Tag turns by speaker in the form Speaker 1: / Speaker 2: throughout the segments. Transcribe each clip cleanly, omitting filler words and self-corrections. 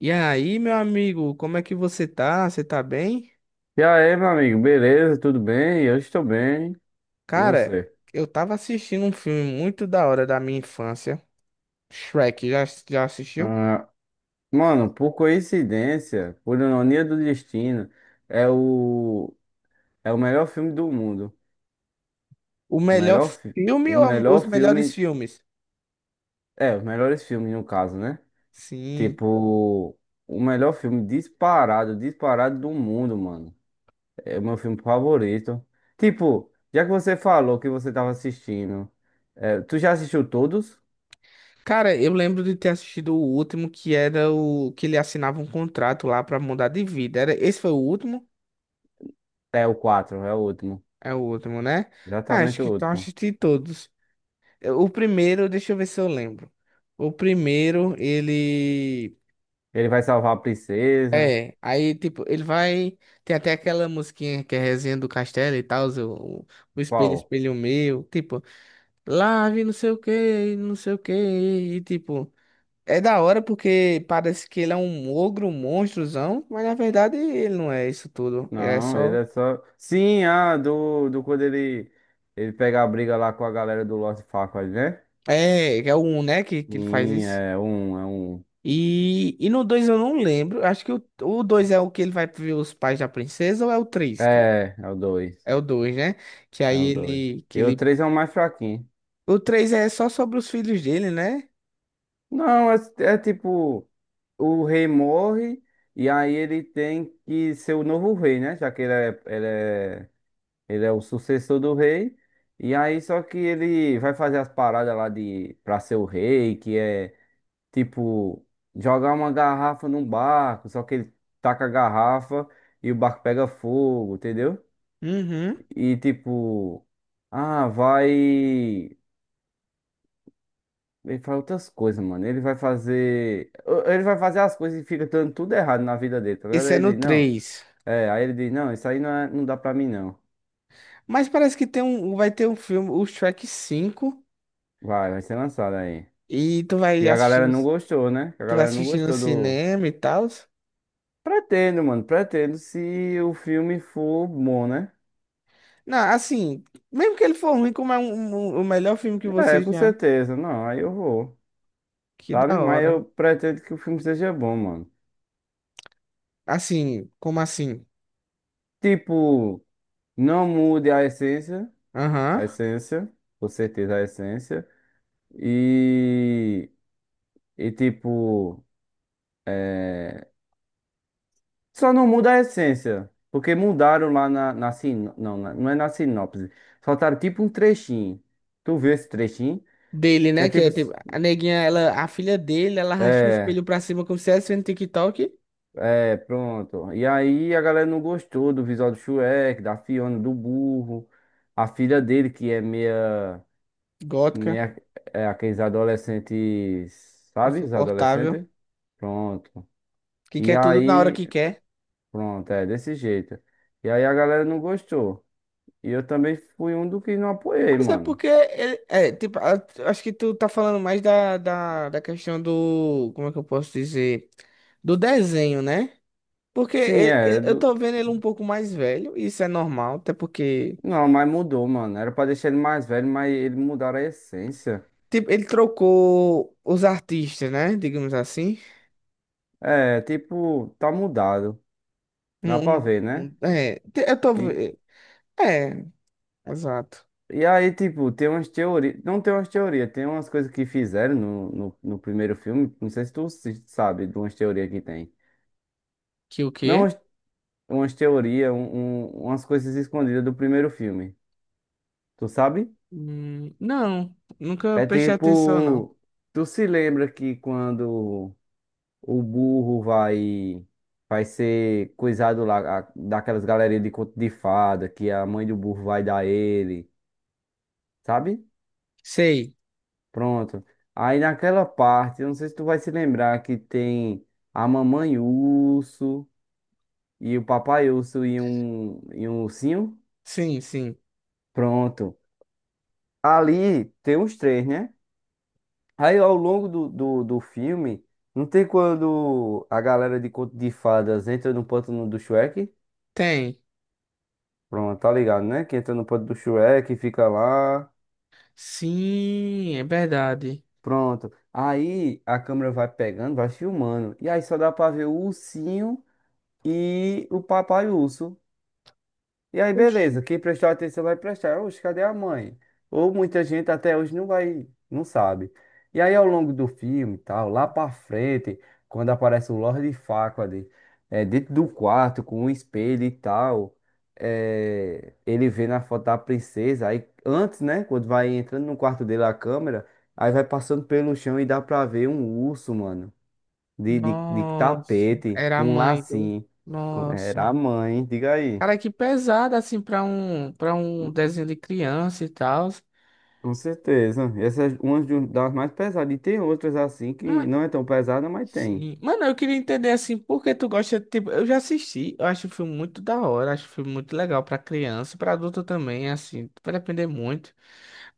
Speaker 1: E aí, meu amigo, como é que você tá? Você tá bem?
Speaker 2: E aí, meu amigo, beleza? Tudo bem? Eu estou bem. E
Speaker 1: Cara,
Speaker 2: você?
Speaker 1: eu tava assistindo um filme muito da hora da minha infância, Shrek, já assistiu?
Speaker 2: Ah, mano, por coincidência, por ironia do destino, é o, é o melhor filme do mundo.
Speaker 1: O
Speaker 2: O
Speaker 1: melhor
Speaker 2: melhor,
Speaker 1: filme
Speaker 2: o
Speaker 1: ou
Speaker 2: melhor
Speaker 1: os melhores
Speaker 2: filme.
Speaker 1: filmes?
Speaker 2: É, os melhores filmes, no caso, né?
Speaker 1: Sim.
Speaker 2: Tipo, o melhor filme disparado, disparado do mundo, mano. É o meu filme favorito. Tipo, já que você falou que você tava assistindo, tu já assistiu todos?
Speaker 1: Cara, eu lembro de ter assistido o último, que era o que ele assinava um contrato lá pra mudar de vida. Era, esse foi o último?
Speaker 2: É o 4, é o último.
Speaker 1: É o último, né? Ah, acho
Speaker 2: Exatamente
Speaker 1: que
Speaker 2: o
Speaker 1: então
Speaker 2: último.
Speaker 1: assisti todos. O primeiro, deixa eu ver se eu lembro. O primeiro, ele.
Speaker 2: Ele vai salvar a princesa.
Speaker 1: É, aí, tipo, ele vai. Tem até aquela musiquinha que é resenha do castelo e tal, o espelho,
Speaker 2: Qual?
Speaker 1: espelho meu. Tipo, lave não sei o que, não sei o que. E, tipo, é da hora porque parece que ele é um ogro, um monstrozão, mas na verdade ele não é isso tudo. Ele é
Speaker 2: Não, ele
Speaker 1: só.
Speaker 2: é só. Sim, ah, do quando ele pega a briga lá com a galera do Lost Faquad, né?
Speaker 1: É, é o 1, né, que ele faz
Speaker 2: Sim,
Speaker 1: isso.
Speaker 2: é um.
Speaker 1: E no 2 eu não lembro. Acho que o 2 é o que ele vai ver os pais da princesa ou é o três.
Speaker 2: É, é o dois.
Speaker 1: É o dois, né? Que
Speaker 2: É
Speaker 1: aí
Speaker 2: o dois.
Speaker 1: ele, que
Speaker 2: E o
Speaker 1: ele.
Speaker 2: três é o mais fraquinho.
Speaker 1: O 3 é só sobre os filhos dele, né?
Speaker 2: Não, é, é tipo. O rei morre e aí ele tem que ser o novo rei, né? Já que ele é o sucessor do rei. E aí só que ele vai fazer as paradas lá de para ser o rei, que é. Tipo, jogar uma garrafa num barco, só que ele taca a garrafa e o barco pega fogo, entendeu?
Speaker 1: Uhum.
Speaker 2: E tipo, ah, vai. Ele faz outras coisas, mano. Ele vai fazer. Ele vai fazer as coisas e fica dando tudo errado na vida dele, tá ligado?
Speaker 1: Esse
Speaker 2: Aí
Speaker 1: é
Speaker 2: ele
Speaker 1: no
Speaker 2: diz, não.
Speaker 1: 3.
Speaker 2: É, aí ele diz, não, isso aí não, não dá pra mim, não.
Speaker 1: Mas parece que tem um, vai ter um filme, o Shrek cinco
Speaker 2: Vai, vai ser lançado aí.
Speaker 1: e tu vai
Speaker 2: Que a galera
Speaker 1: assistindo,
Speaker 2: não gostou, né? Que a
Speaker 1: tu vai
Speaker 2: galera não
Speaker 1: assistir no
Speaker 2: gostou do.
Speaker 1: cinema e tal.
Speaker 2: Pretendo, mano, pretendo se o filme for bom, né?
Speaker 1: Não, assim, mesmo que ele for ruim, como é um, o melhor filme que
Speaker 2: É,
Speaker 1: você
Speaker 2: com
Speaker 1: já.
Speaker 2: certeza. Não, aí eu vou,
Speaker 1: Que
Speaker 2: sabe?
Speaker 1: da
Speaker 2: Mas
Speaker 1: hora.
Speaker 2: eu pretendo que o filme seja bom, mano.
Speaker 1: Assim, como assim?
Speaker 2: Tipo, não mude
Speaker 1: Aham.
Speaker 2: a essência, com certeza a essência. E, e tipo, só não muda a essência, porque mudaram lá na sin... não, não é na sinopse. Soltaram tipo um trechinho. Tu viu esse trechinho?
Speaker 1: Dele,
Speaker 2: É
Speaker 1: né? Que
Speaker 2: tipo,
Speaker 1: é tipo, a neguinha, ela, a filha dele, ela racha o
Speaker 2: é.
Speaker 1: espelho pra cima como se estivesse vendo TikTok.
Speaker 2: É, pronto. E aí a galera não gostou do visual do Shrek, da Fiona, do burro. A filha dele, que é meia,
Speaker 1: Gótica,
Speaker 2: meia, é aqueles adolescentes, sabe? Os
Speaker 1: insuportável.
Speaker 2: adolescentes? Pronto.
Speaker 1: Que
Speaker 2: E
Speaker 1: quer tudo na hora
Speaker 2: aí,
Speaker 1: que quer.
Speaker 2: pronto, é desse jeito. E aí a galera não gostou. E eu também fui um do que não apoiei,
Speaker 1: Mas é
Speaker 2: mano.
Speaker 1: porque é, tipo, acho que tu tá falando mais da questão do, como é que eu posso dizer? Do desenho, né? Porque
Speaker 2: Sim, é
Speaker 1: eu
Speaker 2: do-.
Speaker 1: tô vendo ele um pouco mais velho, e isso é normal, até porque,
Speaker 2: Não, mas mudou, mano. Era pra deixar ele mais velho, mas ele mudaram a essência.
Speaker 1: tipo, ele trocou os artistas, né? Digamos assim.
Speaker 2: É, tipo, tá mudado. Dá pra ver, né?
Speaker 1: É, eu tô, é, exato.
Speaker 2: E aí, tipo, tem umas teorias. Não tem umas teorias, tem umas coisas que fizeram no primeiro filme. Não sei se tu sabe de umas teorias que tem.
Speaker 1: Que o
Speaker 2: Não
Speaker 1: quê?
Speaker 2: umas, umas teorias, um, umas coisas escondidas do primeiro filme. Tu sabe?
Speaker 1: Não, nunca
Speaker 2: É
Speaker 1: prestei atenção, não.
Speaker 2: tipo. Tu se lembra que quando o burro vai. Vai ser coisado lá, daquelas galerias de conto de fada, que a mãe do burro vai dar ele, sabe?
Speaker 1: Sei,
Speaker 2: Pronto. Aí naquela parte, eu não sei se tu vai se lembrar que tem a mamãe urso e o papai urso e um ursinho.
Speaker 1: sim, sim,
Speaker 2: Pronto. Ali tem os três, né? Aí ao longo do filme, não tem quando a galera de Conto de Fadas entra no pântano do Shrek?
Speaker 1: tem.
Speaker 2: Pronto, tá ligado, né? Que entra no pântano do Shrek, e fica lá.
Speaker 1: Sim, é verdade.
Speaker 2: Pronto. Aí a câmera vai pegando, vai filmando. E aí só dá pra ver o ursinho e o papai urso. E aí,
Speaker 1: Oxi.
Speaker 2: beleza, quem prestou atenção vai prestar. Oxe, cadê a mãe? Ou muita gente até hoje não vai, não sabe. E aí, ao longo do filme e tal, lá pra frente, quando aparece o Lord Farquaad, é, dentro do quarto, com um espelho e tal, é, ele vê na foto da princesa, aí antes, né, quando vai entrando no quarto dele a câmera, aí vai passando pelo chão e dá pra ver um urso, mano, de
Speaker 1: Nossa,
Speaker 2: tapete,
Speaker 1: era a
Speaker 2: com um
Speaker 1: mãe do.
Speaker 2: lacinho. Era
Speaker 1: Nossa.
Speaker 2: a mãe, diga aí.
Speaker 1: Cara, que pesado assim pra um para um desenho de criança e tal.
Speaker 2: Com certeza. Essa é uma das mais pesadas. E tem outras assim que
Speaker 1: Mas.
Speaker 2: não é tão pesada, mas tem.
Speaker 1: Sim. Mano, eu queria entender assim, por que tu gosta, tipo, eu já assisti, eu acho o filme muito da hora, acho o filme muito legal pra criança, pra adulto também, assim, vai depender muito.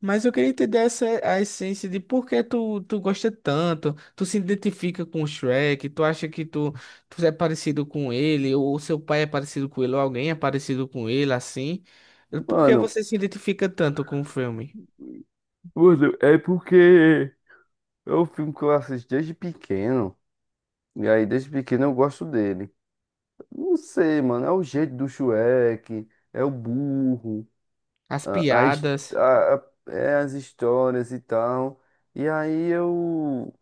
Speaker 1: Mas eu queria entender essa a essência de por que tu gosta tanto, tu se identifica com o Shrek, tu acha que tu é parecido com ele, ou seu pai é parecido com ele, ou alguém é parecido com ele, assim. Por que
Speaker 2: Mano,
Speaker 1: você se identifica tanto com o filme?
Speaker 2: Mano, é porque é um filme que eu assisto desde pequeno. E aí, desde pequeno, eu gosto dele. Não sei, mano. É o jeito do Shrek, é o burro,
Speaker 1: As
Speaker 2: a
Speaker 1: piadas.
Speaker 2: é as histórias e tal. E aí eu.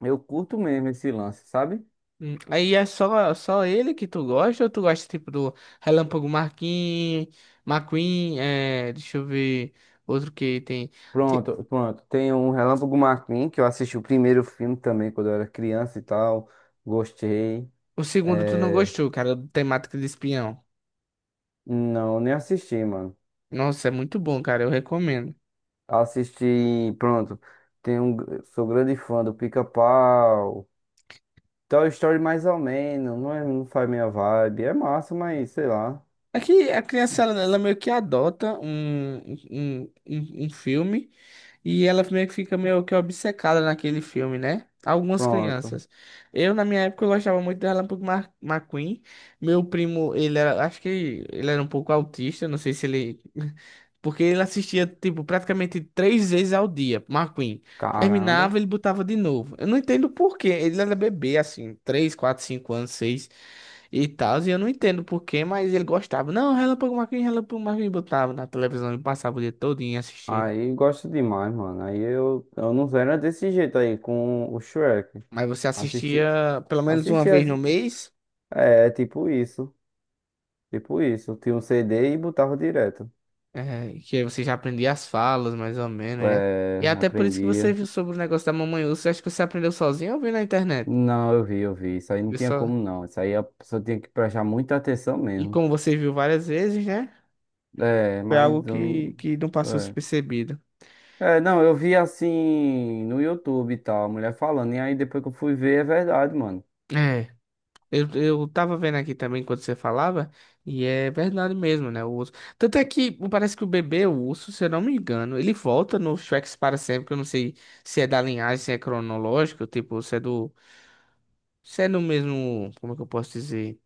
Speaker 2: Eu curto mesmo esse lance, sabe?
Speaker 1: Aí é só ele que tu gosta, ou tu gosta tipo do Relâmpago Marquinhos, McQueen, é, deixa eu ver, outro que tem. Te-
Speaker 2: Pronto, pronto. Tem um Relâmpago McQueen, que eu assisti o primeiro filme também quando eu era criança e tal. Gostei.
Speaker 1: O segundo tu não
Speaker 2: É...
Speaker 1: gostou, cara, do temática de espião.
Speaker 2: Não, nem assisti, mano.
Speaker 1: Nossa, é muito bom, cara. Eu recomendo.
Speaker 2: Assisti, pronto. Tem um... Sou grande fã do Pica-Pau. Toy Story mais ou menos. Não, é... não faz minha vibe. É massa, mas sei lá.
Speaker 1: Aqui a criança ela meio que adota um, um filme e ela meio que fica meio que obcecada naquele filme, né? Algumas
Speaker 2: Pronto.
Speaker 1: crianças. Eu, na minha época, eu gostava muito do Relâmpago McQueen. Meu primo, ele era, acho que ele era um pouco autista, não sei se ele porque ele assistia, tipo, praticamente três vezes ao dia, McQueen.
Speaker 2: Caramba.
Speaker 1: Terminava, ele botava de novo. Eu não entendo por quê. Ele era bebê, assim, três, quatro, cinco anos, seis e tal. E eu não entendo por quê, mas ele gostava. Não, Relâmpago McQueen, Relâmpago McQueen. Botava na televisão e passava o dia todinho assistindo.
Speaker 2: Aí gosto demais, mano. Aí eu não era desse jeito aí com o Shrek.
Speaker 1: Mas você
Speaker 2: Assisti,
Speaker 1: assistia pelo menos uma
Speaker 2: assisti,
Speaker 1: vez no mês,
Speaker 2: é tipo isso. Tipo isso, eu tinha um CD e botava direto.
Speaker 1: que aí você já aprendia as falas, mais ou menos, né?
Speaker 2: É,
Speaker 1: E até por isso que você
Speaker 2: aprendia.
Speaker 1: viu sobre o negócio da Mamãe Urso. Acho que você aprendeu sozinho ou viu na internet?
Speaker 2: Não, eu vi, eu vi. Isso aí não
Speaker 1: Viu
Speaker 2: tinha
Speaker 1: só?
Speaker 2: como não. Isso aí a pessoa tinha que prestar muita atenção
Speaker 1: E
Speaker 2: mesmo.
Speaker 1: como você viu várias vezes, né?
Speaker 2: É,
Speaker 1: Foi algo
Speaker 2: mas eu não.
Speaker 1: que não passou
Speaker 2: É.
Speaker 1: despercebido.
Speaker 2: É, não, eu vi assim no YouTube e tal, a mulher falando. E aí depois que eu fui ver, é verdade, mano.
Speaker 1: É. Eu tava vendo aqui também quando você falava, e é verdade mesmo, né? O urso. Tanto é que parece que o bebê, o urso, se eu não me engano, ele volta no Shrek para sempre, que eu não sei se é da linhagem, se é cronológico, tipo, se é do. Se é no mesmo. Como é que eu posso dizer?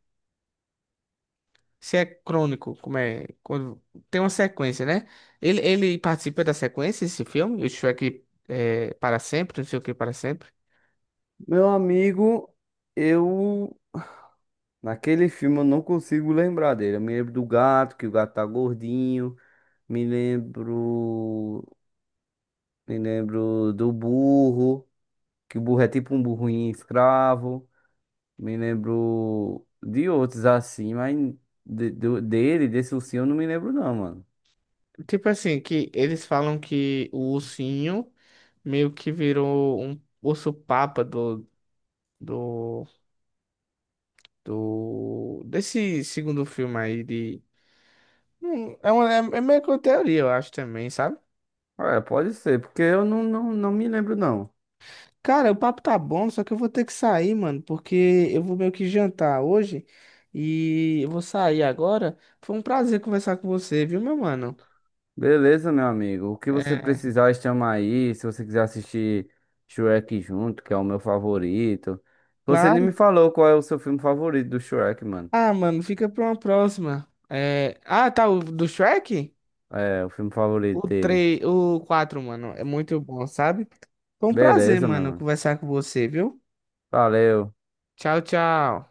Speaker 1: Se é crônico, como é. Quando, tem uma sequência, né? Ele participa da sequência, esse filme, o Shrek é, para sempre, não sei o que para sempre.
Speaker 2: Meu amigo, eu naquele filme eu não consigo lembrar dele. Eu me lembro do gato, que o gato tá gordinho, me lembro, me lembro do burro. Que o burro é tipo um burrinho escravo. Me lembro de outros assim, mas dele, desse ursinho, eu não me lembro não, mano.
Speaker 1: Tipo assim, que eles falam que o ursinho meio que virou um urso-papa do, desse segundo filme aí de... é, uma, é, é meio que uma teoria, eu acho também, sabe?
Speaker 2: É, pode ser, porque eu não me lembro não.
Speaker 1: Cara, o papo tá bom, só que eu vou ter que sair, mano, porque eu vou meio que jantar hoje e eu vou sair agora. Foi um prazer conversar com você, viu, meu mano?
Speaker 2: Beleza, meu amigo. O que você
Speaker 1: É,
Speaker 2: precisar, chama aí. Se você quiser assistir Shrek junto, que é o meu favorito. Você nem me
Speaker 1: claro.
Speaker 2: falou qual é o seu filme favorito do Shrek, mano.
Speaker 1: Ah, mano, fica pra uma próxima. É... Ah, tá, o do Shrek?
Speaker 2: É, o filme favorito
Speaker 1: O
Speaker 2: dele.
Speaker 1: três, o quatro, mano, é muito bom, sabe? Foi um prazer,
Speaker 2: Beleza, meu
Speaker 1: mano,
Speaker 2: mano.
Speaker 1: conversar com você, viu?
Speaker 2: Valeu.
Speaker 1: Tchau, tchau.